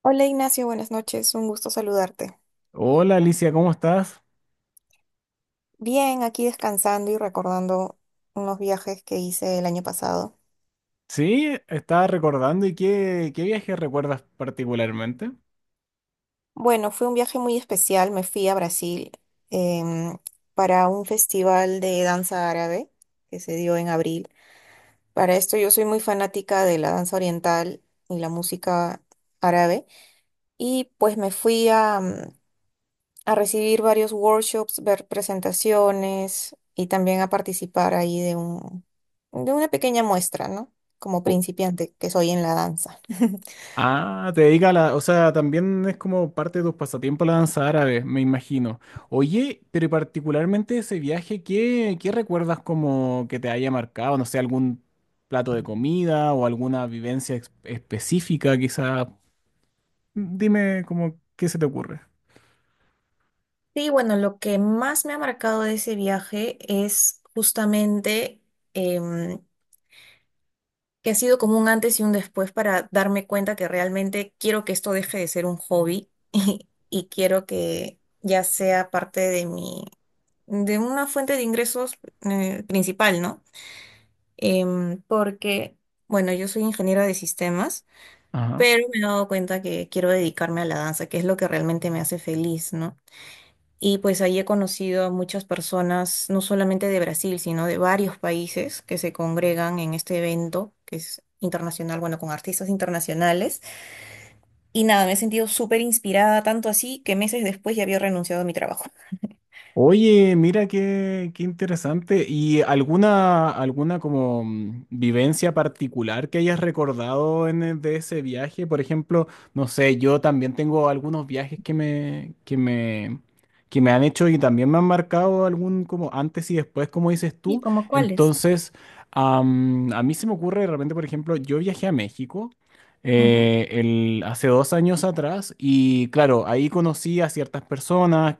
Hola Ignacio, buenas noches, un gusto saludarte. Hola Alicia, ¿cómo estás? Bien, aquí descansando y recordando unos viajes que hice el año pasado. Sí, estaba recordando y qué viaje recuerdas particularmente. Bueno, fue un viaje muy especial, me fui a Brasil em, para un festival de danza árabe que se dio en abril. Para esto yo soy muy fanática de la danza oriental y la música árabe y pues me fui a recibir varios workshops, ver presentaciones y también a participar ahí de una pequeña muestra, ¿no? Como O- principiante que soy en la danza. Te dedica a la, o sea, también es como parte de tus pasatiempos la danza árabe, me imagino. Oye, pero particularmente ese viaje, ¿qué recuerdas como que te haya marcado? No sé, algún plato de comida o alguna específica, quizá. Dime como qué se te ocurre. Sí, bueno, lo que más me ha marcado de ese viaje es justamente em, que ha sido como un antes y un después para darme cuenta que realmente quiero que esto deje de ser un hobby y quiero que ya sea parte de mi, de una fuente de ingresos principal, ¿no? Porque, bueno, yo soy ingeniera de sistemas, Ajá. pero me he dado cuenta que quiero dedicarme a la danza, que es lo que realmente me hace feliz, ¿no? Y pues ahí he conocido a muchas personas, no solamente de Brasil, sino de varios países que se congregan en este evento, que es internacional, bueno, con artistas internacionales. Y nada, me he sentido súper inspirada, tanto así que meses después ya había renunciado a mi trabajo. Oye, mira qué interesante. ¿Y alguna como vivencia particular que hayas recordado en, de ese viaje? Por ejemplo, no sé, yo también tengo algunos viajes que me han hecho y también me han marcado algún como antes y después, como dices ¿Y tú. como cuáles? Entonces, a mí se me ocurre de repente, por ejemplo, yo viajé a México. Ujú. Hace dos años atrás y claro, ahí conocí a ciertas personas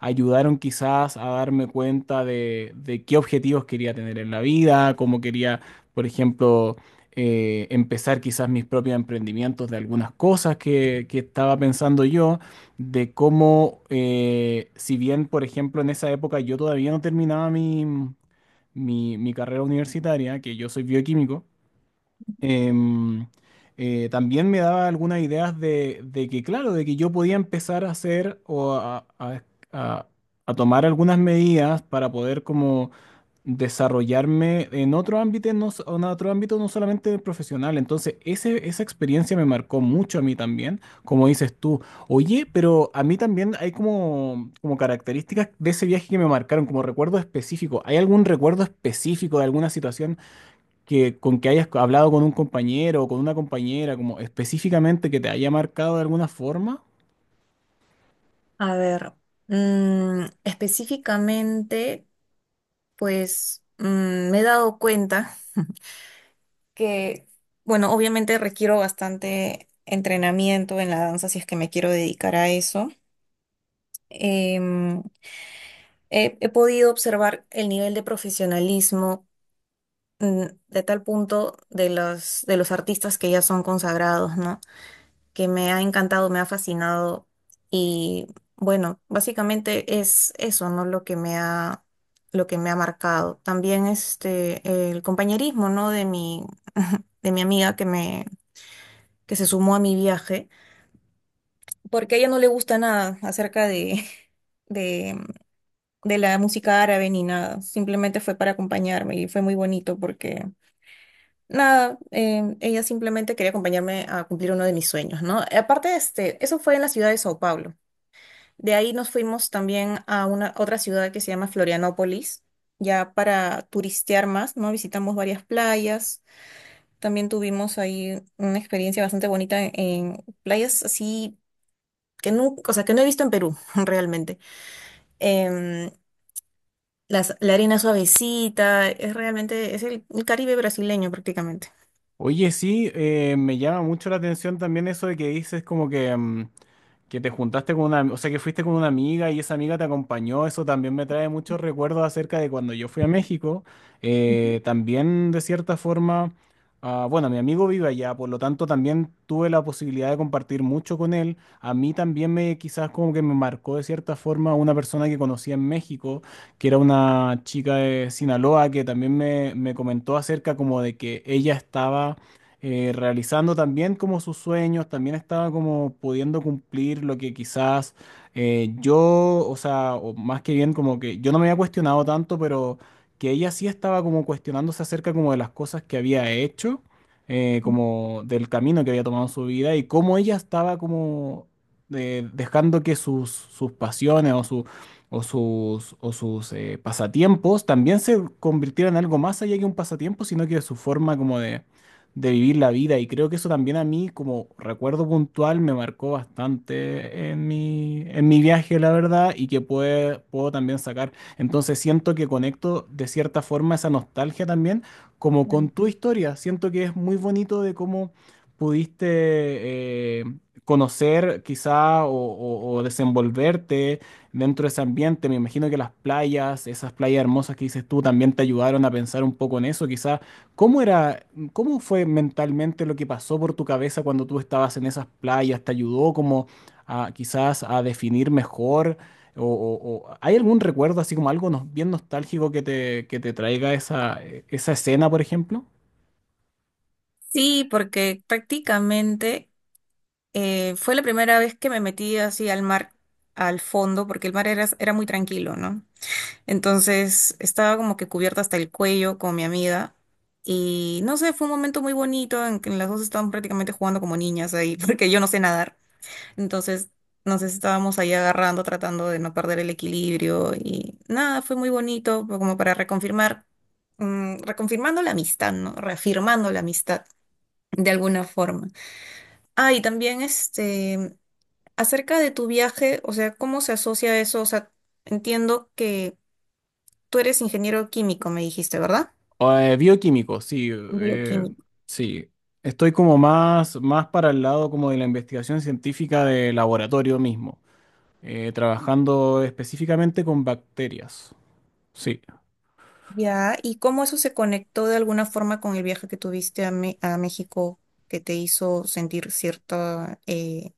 ayudaron quizás a darme cuenta de qué objetivos quería tener en la vida, cómo quería, por ejemplo, empezar quizás mis propios emprendimientos de algunas cosas que estaba pensando yo, de cómo, si bien, por ejemplo, en esa época yo todavía no terminaba mi carrera universitaria, que yo soy bioquímico. Em, También me daba algunas ideas de que, claro, de que yo podía empezar a hacer o a- a tomar algunas medidas para poder como desarrollarme en otro ámbito, no, en otro ámbito no solamente el profesional. Entonces, esa experiencia me marcó mucho a mí también, como dices tú. Oye, pero a mí también hay como características de ese viaje que me marcaron, como recuerdo específico. ¿Hay algún recuerdo específico de alguna situación? Que con que hayas hablado con un compañero o con una compañera, como específicamente que te haya marcado de alguna forma? A ver, mm, específicamente. Pues mm, me he dado cuenta que, bueno, obviamente requiero bastante entrenamiento en la danza si es que me quiero dedicar a eso. Em, he podido observar el nivel de profesionalismo mm, de tal punto de los artistas que ya son consagrados, ¿no? Que me ha encantado, me ha fascinado y bueno, básicamente es eso, ¿no? Lo que me ha marcado. También este, el compañerismo, ¿no? De mi amiga que se sumó a mi viaje, porque a ella no le gusta nada de, de la música árabe ni nada, simplemente fue para acompañarme y fue muy bonito porque nada, ella simplemente quería acompañarme a cumplir uno de mis sueños, ¿no? Aparte, este, eso fue en la ciudad de Sao Paulo. De ahí nos fuimos también a una otra ciudad que se llama Florianópolis, ya para turistear más, ¿no? Visitamos varias playas. También tuvimos ahí una experiencia bastante bonita en playas así que no, o sea, que no he visto en Perú, realmente. Em, la arena suavecita, es realmente, es el Caribe brasileño prácticamente. Oye, sí, me llama mucho la atención también eso de que dices como que, que te juntaste con una, o sea, que fuiste con una amiga y esa amiga te acompañó. Eso también me trae muchos recuerdos acerca de cuando yo fui a México. Ujú, También, de cierta forma, bueno, mi amigo vive allá, por lo tanto también tuve la posibilidad de compartir mucho con él. A mí también me, quizás como que me marcó de cierta forma una persona que conocí en México que era una chica de Sinaloa que también me comentó acerca como de que ella estaba realizando también como sus sueños, también estaba como pudiendo cumplir lo que quizás eh, yo, o sea, o más que bien como que yo no me había cuestionado tanto, pero que ella sí estaba como cuestionándose acerca como de las cosas que había hecho, como del camino que había tomado en su vida y cómo ella estaba como... dejando que sus pasiones o su, o sus pasatiempos también se convirtieran en algo más allá que un pasatiempo, sino que su forma como de vivir la vida. Y creo que eso también a mí, como recuerdo puntual, me marcó bastante en en mi viaje, la verdad, y que puedo también sacar. Entonces siento que conecto de cierta forma esa nostalgia también, como con claro. tu historia. Siento que es muy bonito de cómo pudiste... eh, conocer quizá o o desenvolverte dentro de ese ambiente. Me imagino que las playas, esas playas hermosas que dices tú, también te ayudaron a pensar un poco en eso. Quizá, ¿cómo era, cómo fue mentalmente lo que pasó por tu cabeza cuando tú estabas en esas playas? ¿Te ayudó como a quizás a definir mejor? O, ¿hay algún recuerdo así como algo bien nostálgico que te traiga esa, esa escena, por ejemplo? Sí, porque prácticamente fue la primera vez que me metí así al mar, al fondo, porque el mar era muy tranquilo, ¿no? Entonces estaba como que cubierta hasta el cuello con mi amiga. Y no sé, fue un momento muy bonito en que las dos estábamos prácticamente jugando como niñas ahí, porque yo no sé nadar. Entonces nos estábamos ahí agarrando, tratando de no perder el equilibrio. Y nada, fue muy bonito, fue como para reconfirmar, mm, reconfirmando la amistad, ¿no? Reafirmando la amistad de alguna forma. Ah, y también este, acerca de tu viaje, o sea, ¿cómo se asocia eso? O sea, entiendo que tú eres ingeniero químico, me dijiste, ¿verdad? Bioquímico, sí, Bioquímico. sí. Estoy como más para el lado como de la investigación científica de laboratorio mismo. Trabajando específicamente con bacterias. Sí. Ya, ¿y cómo eso se conectó de alguna forma con el viaje que tuviste a, a México que te hizo sentir cierta,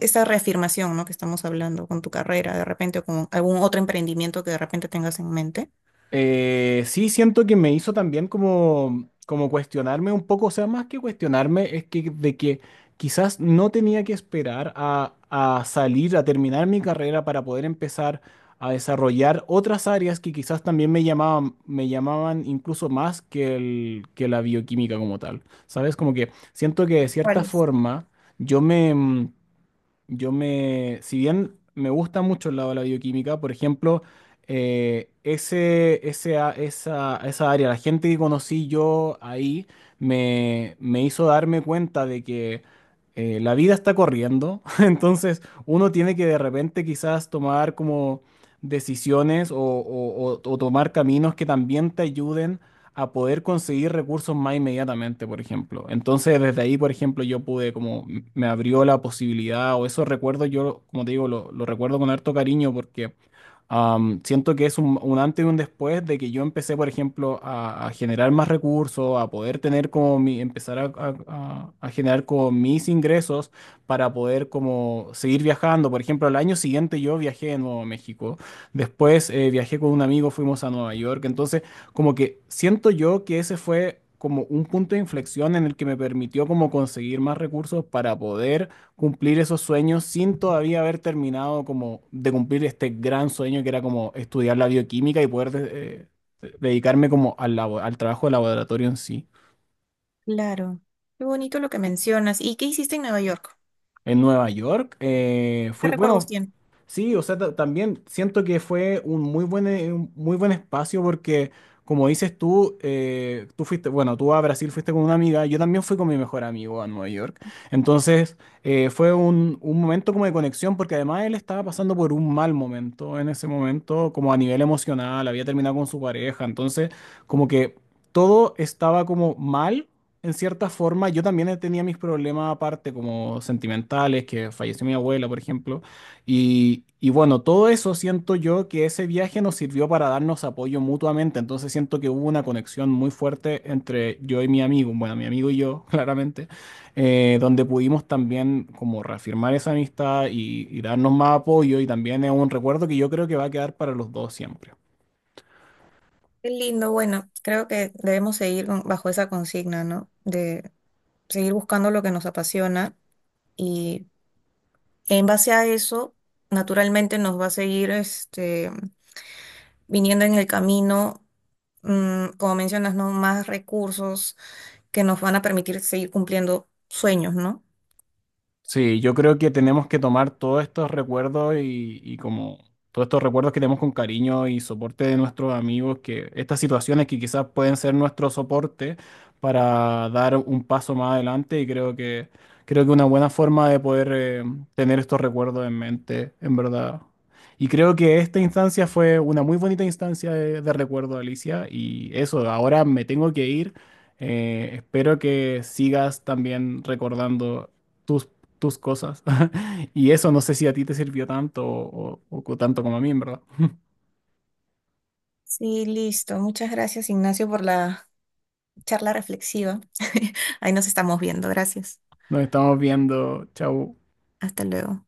esta reafirmación, ¿no? Que estamos hablando con tu carrera de repente o con algún otro emprendimiento que de repente tengas en mente? Sí, siento que me hizo también como cuestionarme un poco, o sea, más que cuestionarme, es que de que quizás no tenía que esperar a salir, a terminar mi carrera para poder empezar a desarrollar otras áreas que quizás también me llamaban incluso más que la bioquímica como tal. ¿Sabes? Como que siento que de cierta ¿Cuáles? forma yo me... mm, Yo me, si bien me gusta mucho el lado de la bioquímica, por ejemplo, ese esa área, la gente que conocí yo ahí, me hizo darme cuenta de que la vida está corriendo, entonces uno tiene que de repente quizás tomar como decisiones o, o tomar caminos que también te ayuden a poder conseguir recursos más inmediatamente, por ejemplo. Entonces, desde ahí, por ejemplo, yo pude, como me abrió la posibilidad, o esos recuerdos, yo, como te digo, lo recuerdo con harto cariño porque Am, siento que es un antes y un después de que yo empecé, por ejemplo, a generar más recursos, a poder tener como mi, empezar a, a generar con mis ingresos para poder como seguir viajando. Por ejemplo, al año siguiente yo viajé de nuevo a México. Después viajé con un amigo, fuimos a Nueva York. Entonces, como que siento yo que ese fue como un punto de inflexión en el que me permitió como conseguir más recursos para poder cumplir esos sueños sin todavía haber terminado como de cumplir este gran sueño que era como estudiar la bioquímica y poder dedicarme como al, al trabajo de laboratorio en sí. Claro, qué bonito lo que mencionas. ¿Y qué hiciste en Nueva York? En Nueva York, ¿Qué fui, recuerdos bueno, tienes? sí, o sea, también siento que fue un muy buen espacio porque, como dices tú, tú fuiste, bueno, tú a Brasil fuiste con una amiga, yo también fui con mi mejor amigo a Nueva York, entonces fue un momento como de conexión porque además él estaba pasando por un mal momento en ese momento, como a nivel emocional, había terminado con su pareja, entonces como que todo estaba como mal en cierta forma, yo también tenía mis problemas aparte, como sentimentales, que falleció mi abuela, por ejemplo. Y bueno, todo eso siento yo que ese viaje nos sirvió para darnos apoyo mutuamente. Entonces siento que hubo una conexión muy fuerte entre yo y mi amigo, bueno, mi amigo y yo, claramente, donde pudimos también como reafirmar esa amistad y darnos más apoyo. Y también es un recuerdo que yo creo que va a quedar para los dos siempre. Qué lindo, bueno, creo que debemos bajo esa consigna, ¿no? De seguir buscando lo que nos apasiona y en base a eso, naturalmente nos va a seguir viniendo en el camino, mm, como mencionas, ¿no? Más recursos que nos van a permitir seguir cumpliendo sueños, ¿no? Sí, yo creo que tenemos que tomar todos estos recuerdos y como todos estos recuerdos que tenemos con cariño y soporte de nuestros amigos, que estas situaciones que quizás pueden ser nuestro soporte para dar un paso más adelante y creo que una buena forma de poder tener estos recuerdos en mente, en verdad. Y creo que esta instancia fue una muy bonita instancia de recuerdo, Alicia, y eso, ahora me tengo que ir. Espero que sigas también recordando tus tus cosas. Y eso no sé si a ti te sirvió tanto o, o tanto como a mí, en verdad. Sí, listo. Muchas gracias, Ignacio, por la charla reflexiva. Ahí nos estamos viendo. Gracias. Nos estamos viendo. Chau. Hasta luego.